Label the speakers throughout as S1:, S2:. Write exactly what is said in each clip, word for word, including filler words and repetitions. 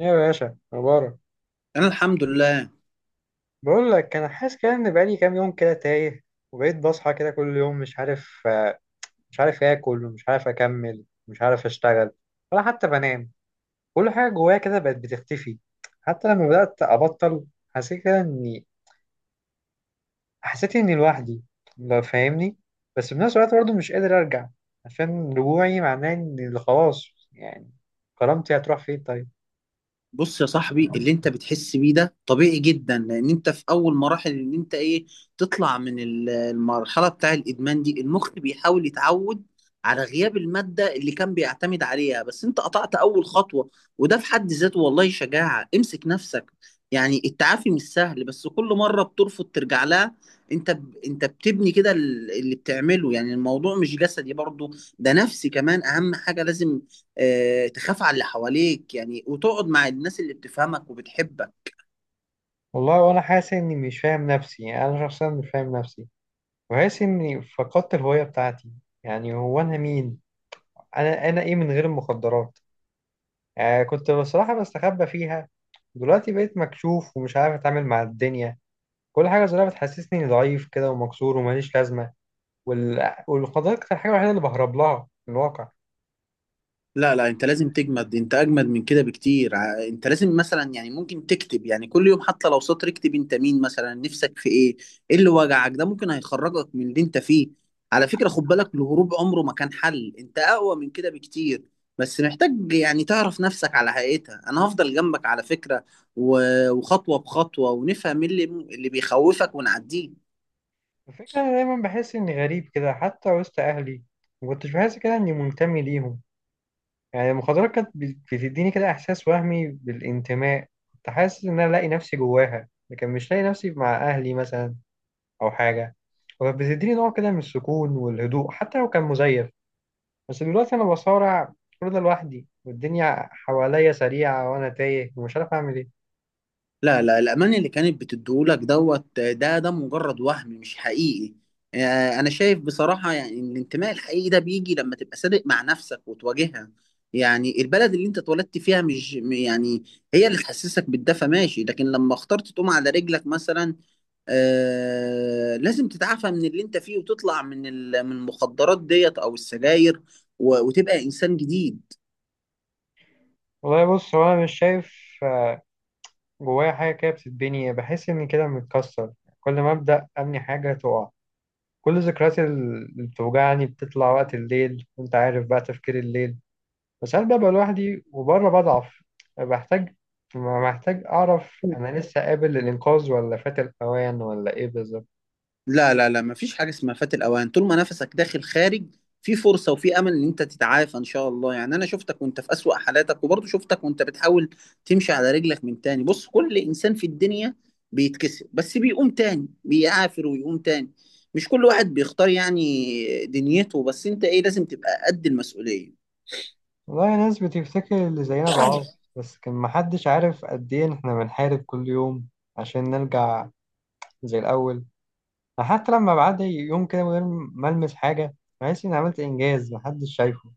S1: ايه يا باشا مبارك.
S2: انا الحمد لله.
S1: بقول لك انا حاسس كده ان بقالي كام يوم كده تايه، وبقيت بصحى كده كل يوم مش عارف، آه، مش عارف اكل ومش عارف اكمل، مش عارف اشتغل ولا حتى بنام. كل حاجه جوايا كده بقت بتختفي. حتى لما بدات ابطل حسيت كده اني حسيت اني لوحدي، لو فاهمني. بس بنفس الوقت برضه مش قادر ارجع، عشان رجوعي معناه ان خلاص يعني كرامتي هتروح فين طيب؟
S2: بص يا صاحبي، اللي انت بتحس بيه ده طبيعي جدا، لان انت في اول مراحل ان انت ايه تطلع من ال- المرحله بتاع الادمان دي. المخ بيحاول يتعود على غياب الماده اللي كان بيعتمد عليها، بس انت قطعت اول خطوه، وده في حد ذاته والله شجاعه. امسك نفسك، يعني التعافي مش سهل، بس كل مره بترفض ترجع لها انت ب... انت بتبني كده ال- اللي بتعمله. يعني الموضوع مش جسدي برضه، ده نفسي كمان. اهم حاجه لازم آه، تخاف على اللي حواليك يعني، وتقعد مع الناس اللي بتفهمك وبتحبك.
S1: والله وانا حاسس اني مش فاهم نفسي، يعني انا شخصيا مش فاهم نفسي، وحاسس إني فقدت الهوية بتاعتي. يعني هو أنا مين؟ أنا أنا إيه من غير المخدرات؟ آه، كنت بصراحة بستخبى فيها. دلوقتي بقيت مكشوف ومش عارف أتعامل مع الدنيا. كل حاجة صغيرة بتحسسني إني ضعيف كده ومكسور وماليش لازمة. وال... والمخدرات كانت الحاجة الوحيدة اللي بهرب لها في الواقع.
S2: لا لا، انت لازم تجمد، انت اجمد من كده بكتير. ع- انت لازم مثلا، يعني ممكن تكتب، يعني كل يوم حتى لو سطر، اكتب انت مين مثلا، نفسك في ايه، ايه اللي وجعك. ده ممكن هيخرجك من اللي انت فيه. على فكرة خد بالك، الهروب عمره ما كان حل، انت اقوى من كده بكتير، بس محتاج يعني تعرف نفسك على حقيقتها. انا هفضل جنبك على فكرة، و- وخطوة بخطوة، ونفهم إيه اللي اللي بيخوفك ونعديه.
S1: الفكرة أنا دايما بحس إني غريب كده حتى وسط أهلي، ما كنتش بحس كده إني منتمي ليهم. يعني المخدرات كانت بت- بتديني كده إحساس وهمي بالانتماء. كنت حاسس إن أنا لاقي نفسي جواها، لكن مش لاقي نفسي مع أهلي مثلا أو حاجة. وكانت بتديني نوع كده من السكون والهدوء حتى لو كان مزيف. بس دلوقتي أنا بصارع كل ده لوحدي، والدنيا حواليا سريعة وأنا تايه ومش عارف أعمل إيه.
S2: لا لا، الأمان اللي كانت بتديهولك دوت ده ده مجرد وهم مش حقيقي. آه، أنا شايف بصراحة يعني إن الانتماء الحقيقي ده بيجي لما تبقى صادق مع نفسك وتواجهها. يعني البلد اللي أنت اتولدت فيها مش م- يعني هي اللي تحسسك بالدفى ماشي، لكن لما اخترت تقوم على رجلك مثلا، آه لازم تتعافى من اللي أنت فيه، وتطلع من ال- من المخدرات ديت أو السجاير، و- وتبقى إنسان جديد.
S1: والله بص، هو أنا مش شايف جوايا حاجة كده بتتبني، بحس إني كده متكسر. كل ما أبدأ أبني حاجة تقع. كل ذكرياتي اللي بتوجعني بتطلع وقت الليل، وأنت عارف بقى تفكير الليل. بس هل ببقى لوحدي وبره بضعف؟ بحتاج محتاج أعرف أنا لسه قابل للإنقاذ ولا فات الأوان ولا إيه بالظبط.
S2: لا لا لا، مفيش حاجة اسمها فات الأوان. طول ما نفسك داخل خارج في فرصة وفي أمل إن أنت تتعافى إن شاء الله. يعني أنا شفتك وأنت في أسوأ حالاتك، وبرضه شفتك وأنت بتحاول تمشي على رجلك من تاني. بص كل إنسان في الدنيا بيتكسر، بس بيقوم تاني، بيعافر ويقوم تاني. مش كل واحد بيختار يعني دنيته، بس أنت إيه، لازم تبقى قد المسؤولية.
S1: والله ناس بتفتكر اللي زينا ضعاف، بس كان محدش عارف قد إيه إحنا بنحارب كل يوم عشان نرجع زي الأول. حتى لما بعد يوم كده من غير ما ألمس حاجة، بحس إني عملت إنجاز محدش شايفه.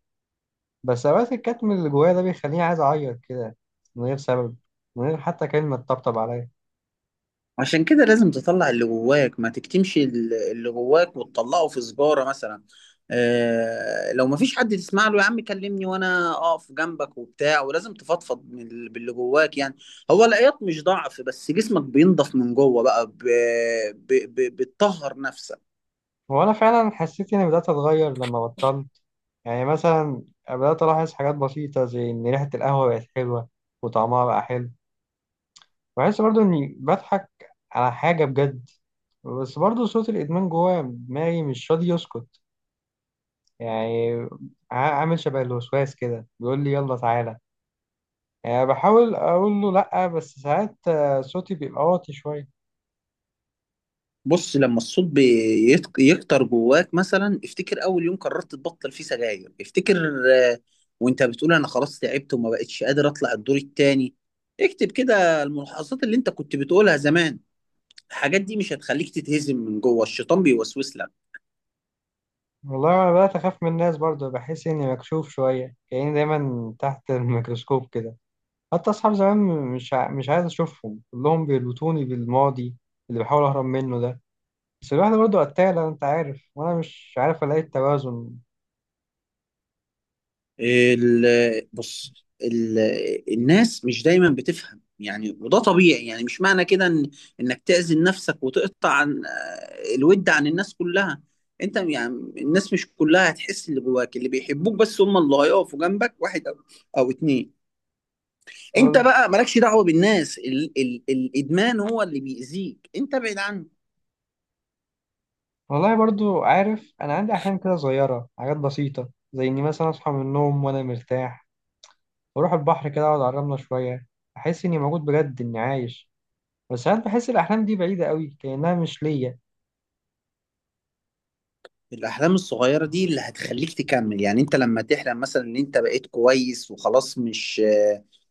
S1: بس أوقات الكتم اللي جوايا ده بيخليني عايز أعيط كده من غير سبب، من غير حتى كلمة تطبطب عليا.
S2: عشان كده لازم تطلع اللي جواك، ما تكتمش ال- اللي جواك وتطلعه في سجارة مثلا. آه لو ما فيش حد تسمع له، يا عم كلمني وانا اقف جنبك وبتاع، ولازم تفضفض من ال- باللي جواك يعني. هو العياط مش ضعف، بس جسمك بينضف من جوه بقى، ب- ب- ب- بتطهر نفسك.
S1: وأنا فعلا حسيت إني بدأت أتغير لما بطلت. يعني مثلا بدأت ألاحظ حاجات بسيطة، زي إن ريحة القهوة بقت حلوة وطعمها بقى حلو. بحس برضو إني بضحك على حاجة بجد. بس برضو صوت الإدمان جوايا دماغي مش راضي يسكت. يعني ع- عامل شبه الوسواس كده بيقول لي يلا تعالى. يعني بحاول أقول له لأ، بس ساعات آه، صوتي بيبقى واطي شوية.
S2: بص لما الصوت بيت- يكتر جواك مثلا، افتكر اول يوم قررت تبطل فيه سجاير، افتكر، آه، وانت بتقول انا خلاص تعبت وما بقتش قادر اطلع الدور التاني. اكتب كده الملاحظات اللي انت كنت بتقولها زمان. الحاجات دي مش هتخليك تتهزم من جوه، الشيطان بيوسوس لك.
S1: والله أنا بدأت أخاف من الناس برضو، بحس إني مكشوف شوية كأني دايما تحت الميكروسكوب كده. حتى أصحاب زمان م- مش ع- مش عايز أشوفهم، كلهم بيربطوني بالماضي اللي بحاول أهرب منه ده. بس الواحد برضه قتالة أنت عارف، وأنا مش عارف ألاقي التوازن.
S2: ال- بص ال- الناس مش دايما بتفهم يعني، وده طبيعي. يعني مش معنى كده إن انك تأذي نفسك وتقطع عن آه، الود عن الناس كلها. انت يعني الناس مش كلها هتحس اللي جواك، اللي بيحبوك بس هم اللي هيقفوا جنبك، واحد او او اتنين. انت
S1: وال-
S2: بقى مالكش دعوة بالناس، ال ال الادمان هو اللي بيأذيك، انت ابعد عنه.
S1: والله برضه عارف أنا عندي أحلام كده صغيرة، حاجات بسيطة زي إني مثلا أصحى من النوم وأنا مرتاح، وأروح البحر كده أقعد على الرملة شوية، أحس إني موجود بجد إني عايش. بس ساعات بحس الأحلام دي بعيدة قوي كأنها مش ليا.
S2: الأحلام الصغيرة دي اللي هتخليك تكمل. يعني أنت لما تحلم مثلا إن أنت بقيت كويس وخلاص، مش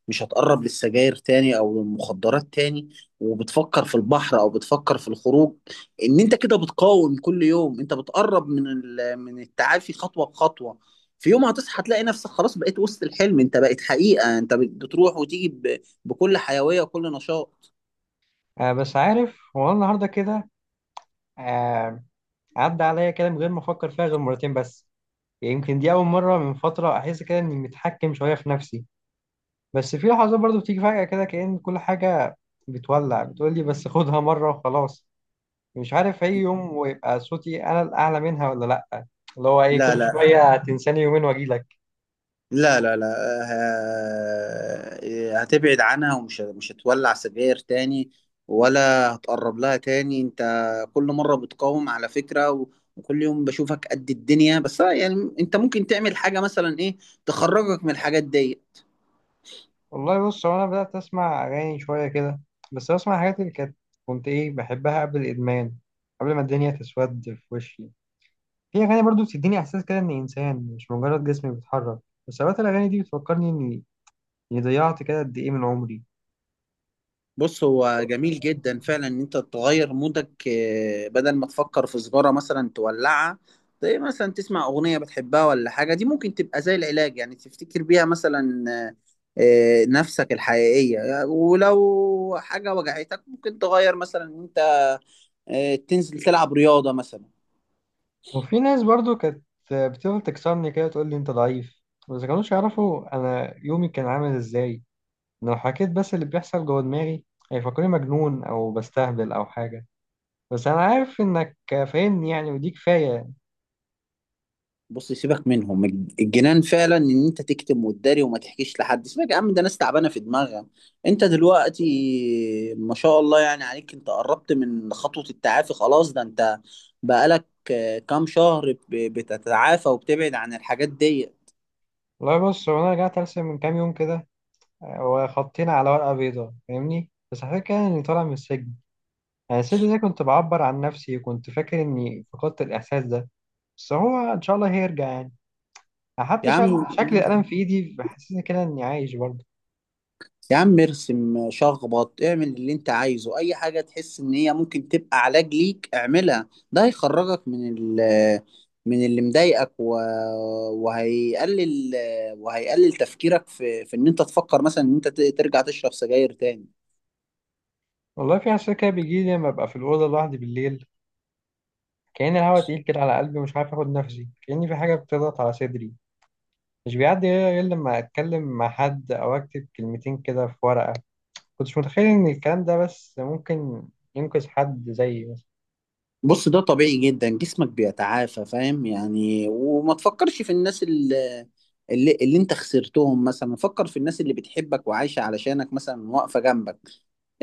S2: مش هتقرب للسجاير تاني أو للمخدرات تاني، وبتفكر في البحر أو بتفكر في الخروج، إن أنت كده بتقاوم كل يوم، أنت بتقرب من ال- من التعافي خطوة بخطوة. في يوم هتصحى تلاقي نفسك خلاص بقيت وسط الحلم، أنت بقيت حقيقة، أنت بتروح وتيجي ب- بكل حيوية وكل نشاط.
S1: آه، بس عارف هو أنا النهاردة كده آه عدى عليا كده من غير ما أفكر فيها غير مرتين بس. يمكن دي أول مرة من فترة أحس كده إني متحكم شوية في نفسي. بس في لحظات برضو بتيجي فجأة كده كأن كل حاجة بتولع، بتقولي بس خدها مرة وخلاص. مش عارف أي يوم ويبقى صوتي أنا الأعلى منها ولا لأ. اللي هو إيه كل
S2: لا
S1: شوية هتنساني يومين وأجيلك.
S2: لا لا لا، آه، هتبعد عنها، ومش مش هتولع سجاير تاني، ولا هتقرب لها تاني. انت كل مرة بتقاوم على فكرة، و- وكل يوم بشوفك قد الدنيا، بس آه، يعني انت ممكن تعمل حاجة مثلا ايه تخرجك من الحاجات دي.
S1: والله بص، هو أنا بدأت أسمع أغاني شوية كده. بس بسمع الحاجات اللي كانت كنت إيه بحبها قبل الإدمان، قبل ما الدنيا تسود في وشي. في أغاني برضو بتديني إحساس كده إني إنسان مش مجرد جسمي بيتحرك. بس أوقات الأغاني دي بتفكرني إني يعني ضيعت كده قد ايه من عمري.
S2: بص هو جميل جدا فعلا ان انت تغير مودك، آه، بدل ما تفكر في سجارة مثلا تولعها، زي مثلا تسمع اغنية بتحبها ولا حاجة، دي ممكن تبقى زي العلاج. يعني تفتكر بيها مثلا آه، آه، نفسك الحقيقية، ولو حاجة وجعتك ممكن تغير مثلا ان انت، آه، تنزل تلعب رياضة مثلا.
S1: وفي ناس برضو كانت بتفضل تكسرني كده، تقول لي انت ضعيف. بس كانوش يعرفوا انا يومي كان عامل ازاي. لو حكيت بس اللي بيحصل جوه دماغي هيفكروني مجنون او بستهبل او حاجه. بس انا عارف انك فاهمني يعني، ودي كفايه.
S2: بص سيبك منهم، الجنان فعلا ان انت تكتم وتداري وما تحكيش لحد. سيبك يا عم، ده ناس تعبانه في دماغها. انت دلوقتي ما شاء الله يعني عليك، انت قربت من خطوه التعافي خلاص، ده انت بقالك آه، كام شهر ب- بتتعافى وبتبعد عن الحاجات دي.
S1: والله بص، هو انا رجعت ارسم من كام يوم كده، وخطينا على ورقه بيضاء فاهمني، بس حكيت كده اني طالع من السجن. انا السجن ده كنت بعبر عن نفسي، وكنت فاكر اني فقدت الاحساس ده، بس هو ان شاء الله هيرجع يعني.
S2: يا
S1: حتى شكل,
S2: عم
S1: شكل القلم في ايدي بحسسني كده اني عايش برضه.
S2: يا عم ارسم، شخبط، اعمل اللي انت عايزه، اي حاجة تحس ان هي ممكن تبقى علاج ليك اعملها. ده هيخرجك من ال من اللي مضايقك و... وهيقلل وهيقلل تفكيرك في في ان انت تفكر مثلا ان انت ت- ترجع تشرب سجاير تاني.
S1: والله في احساس كده بيجي لي لما ابقى في الاوضه لوحدي بالليل، كأن الهواء تقيل كده على قلبي ومش عارف اخد نفسي، كأن في حاجه بتضغط على صدري. مش بيعدي غير غير لما اتكلم مع حد او اكتب كلمتين كده في ورقه. كنتش متخيل ان الكلام ده بس ممكن ينقذ حد زيي مثلا.
S2: بص ده طبيعي جدا، جسمك بيتعافى فاهم يعني. وما تفكرش في الناس اللي اللي, اللي انت خسرتهم مثلا، فكر في الناس اللي بتحبك وعايشة علشانك مثلا، واقفة جنبك.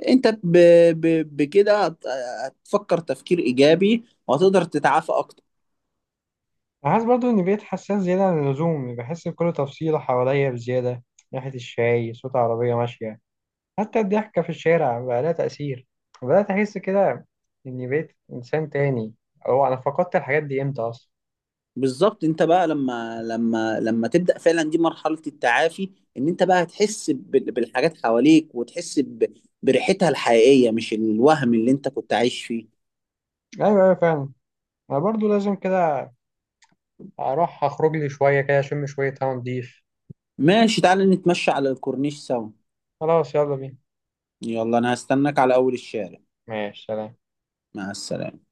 S2: انت ب... ب... بكده هت- هتفكر تفكير ايجابي وهتقدر تتعافى اكتر.
S1: أنا حاسس برضه اني بقيت حساس زياده عن اللزوم، بحس بكل تفصيله حواليا بزياده. ريحه الشاي، صوت عربيه ماشيه، حتى الضحكة في الشارع بقى لها تأثير. بدأت أحس كده إني بقيت إنسان تاني، أو أنا فقدت الحاجات دي إمتى أصلا؟
S2: بالظبط. انت بقى لما لما لما تبدا فعلا دي مرحله التعافي، ان انت بقى هتحس بال- بالحاجات حواليك وتحس ب... بريحتها الحقيقيه، مش الوهم اللي انت كنت عايش فيه.
S1: أيوة، أيوة فعلا. أنا برضو لازم كده أروح أخرج لي شوية كده أشم شوية هوا نضيف.
S2: ماشي تعالى نتمشى على الكورنيش سوا.
S1: خلاص يلا بينا.
S2: يلا انا هستناك على اول الشارع.
S1: ماشي سلام.
S2: مع السلامه.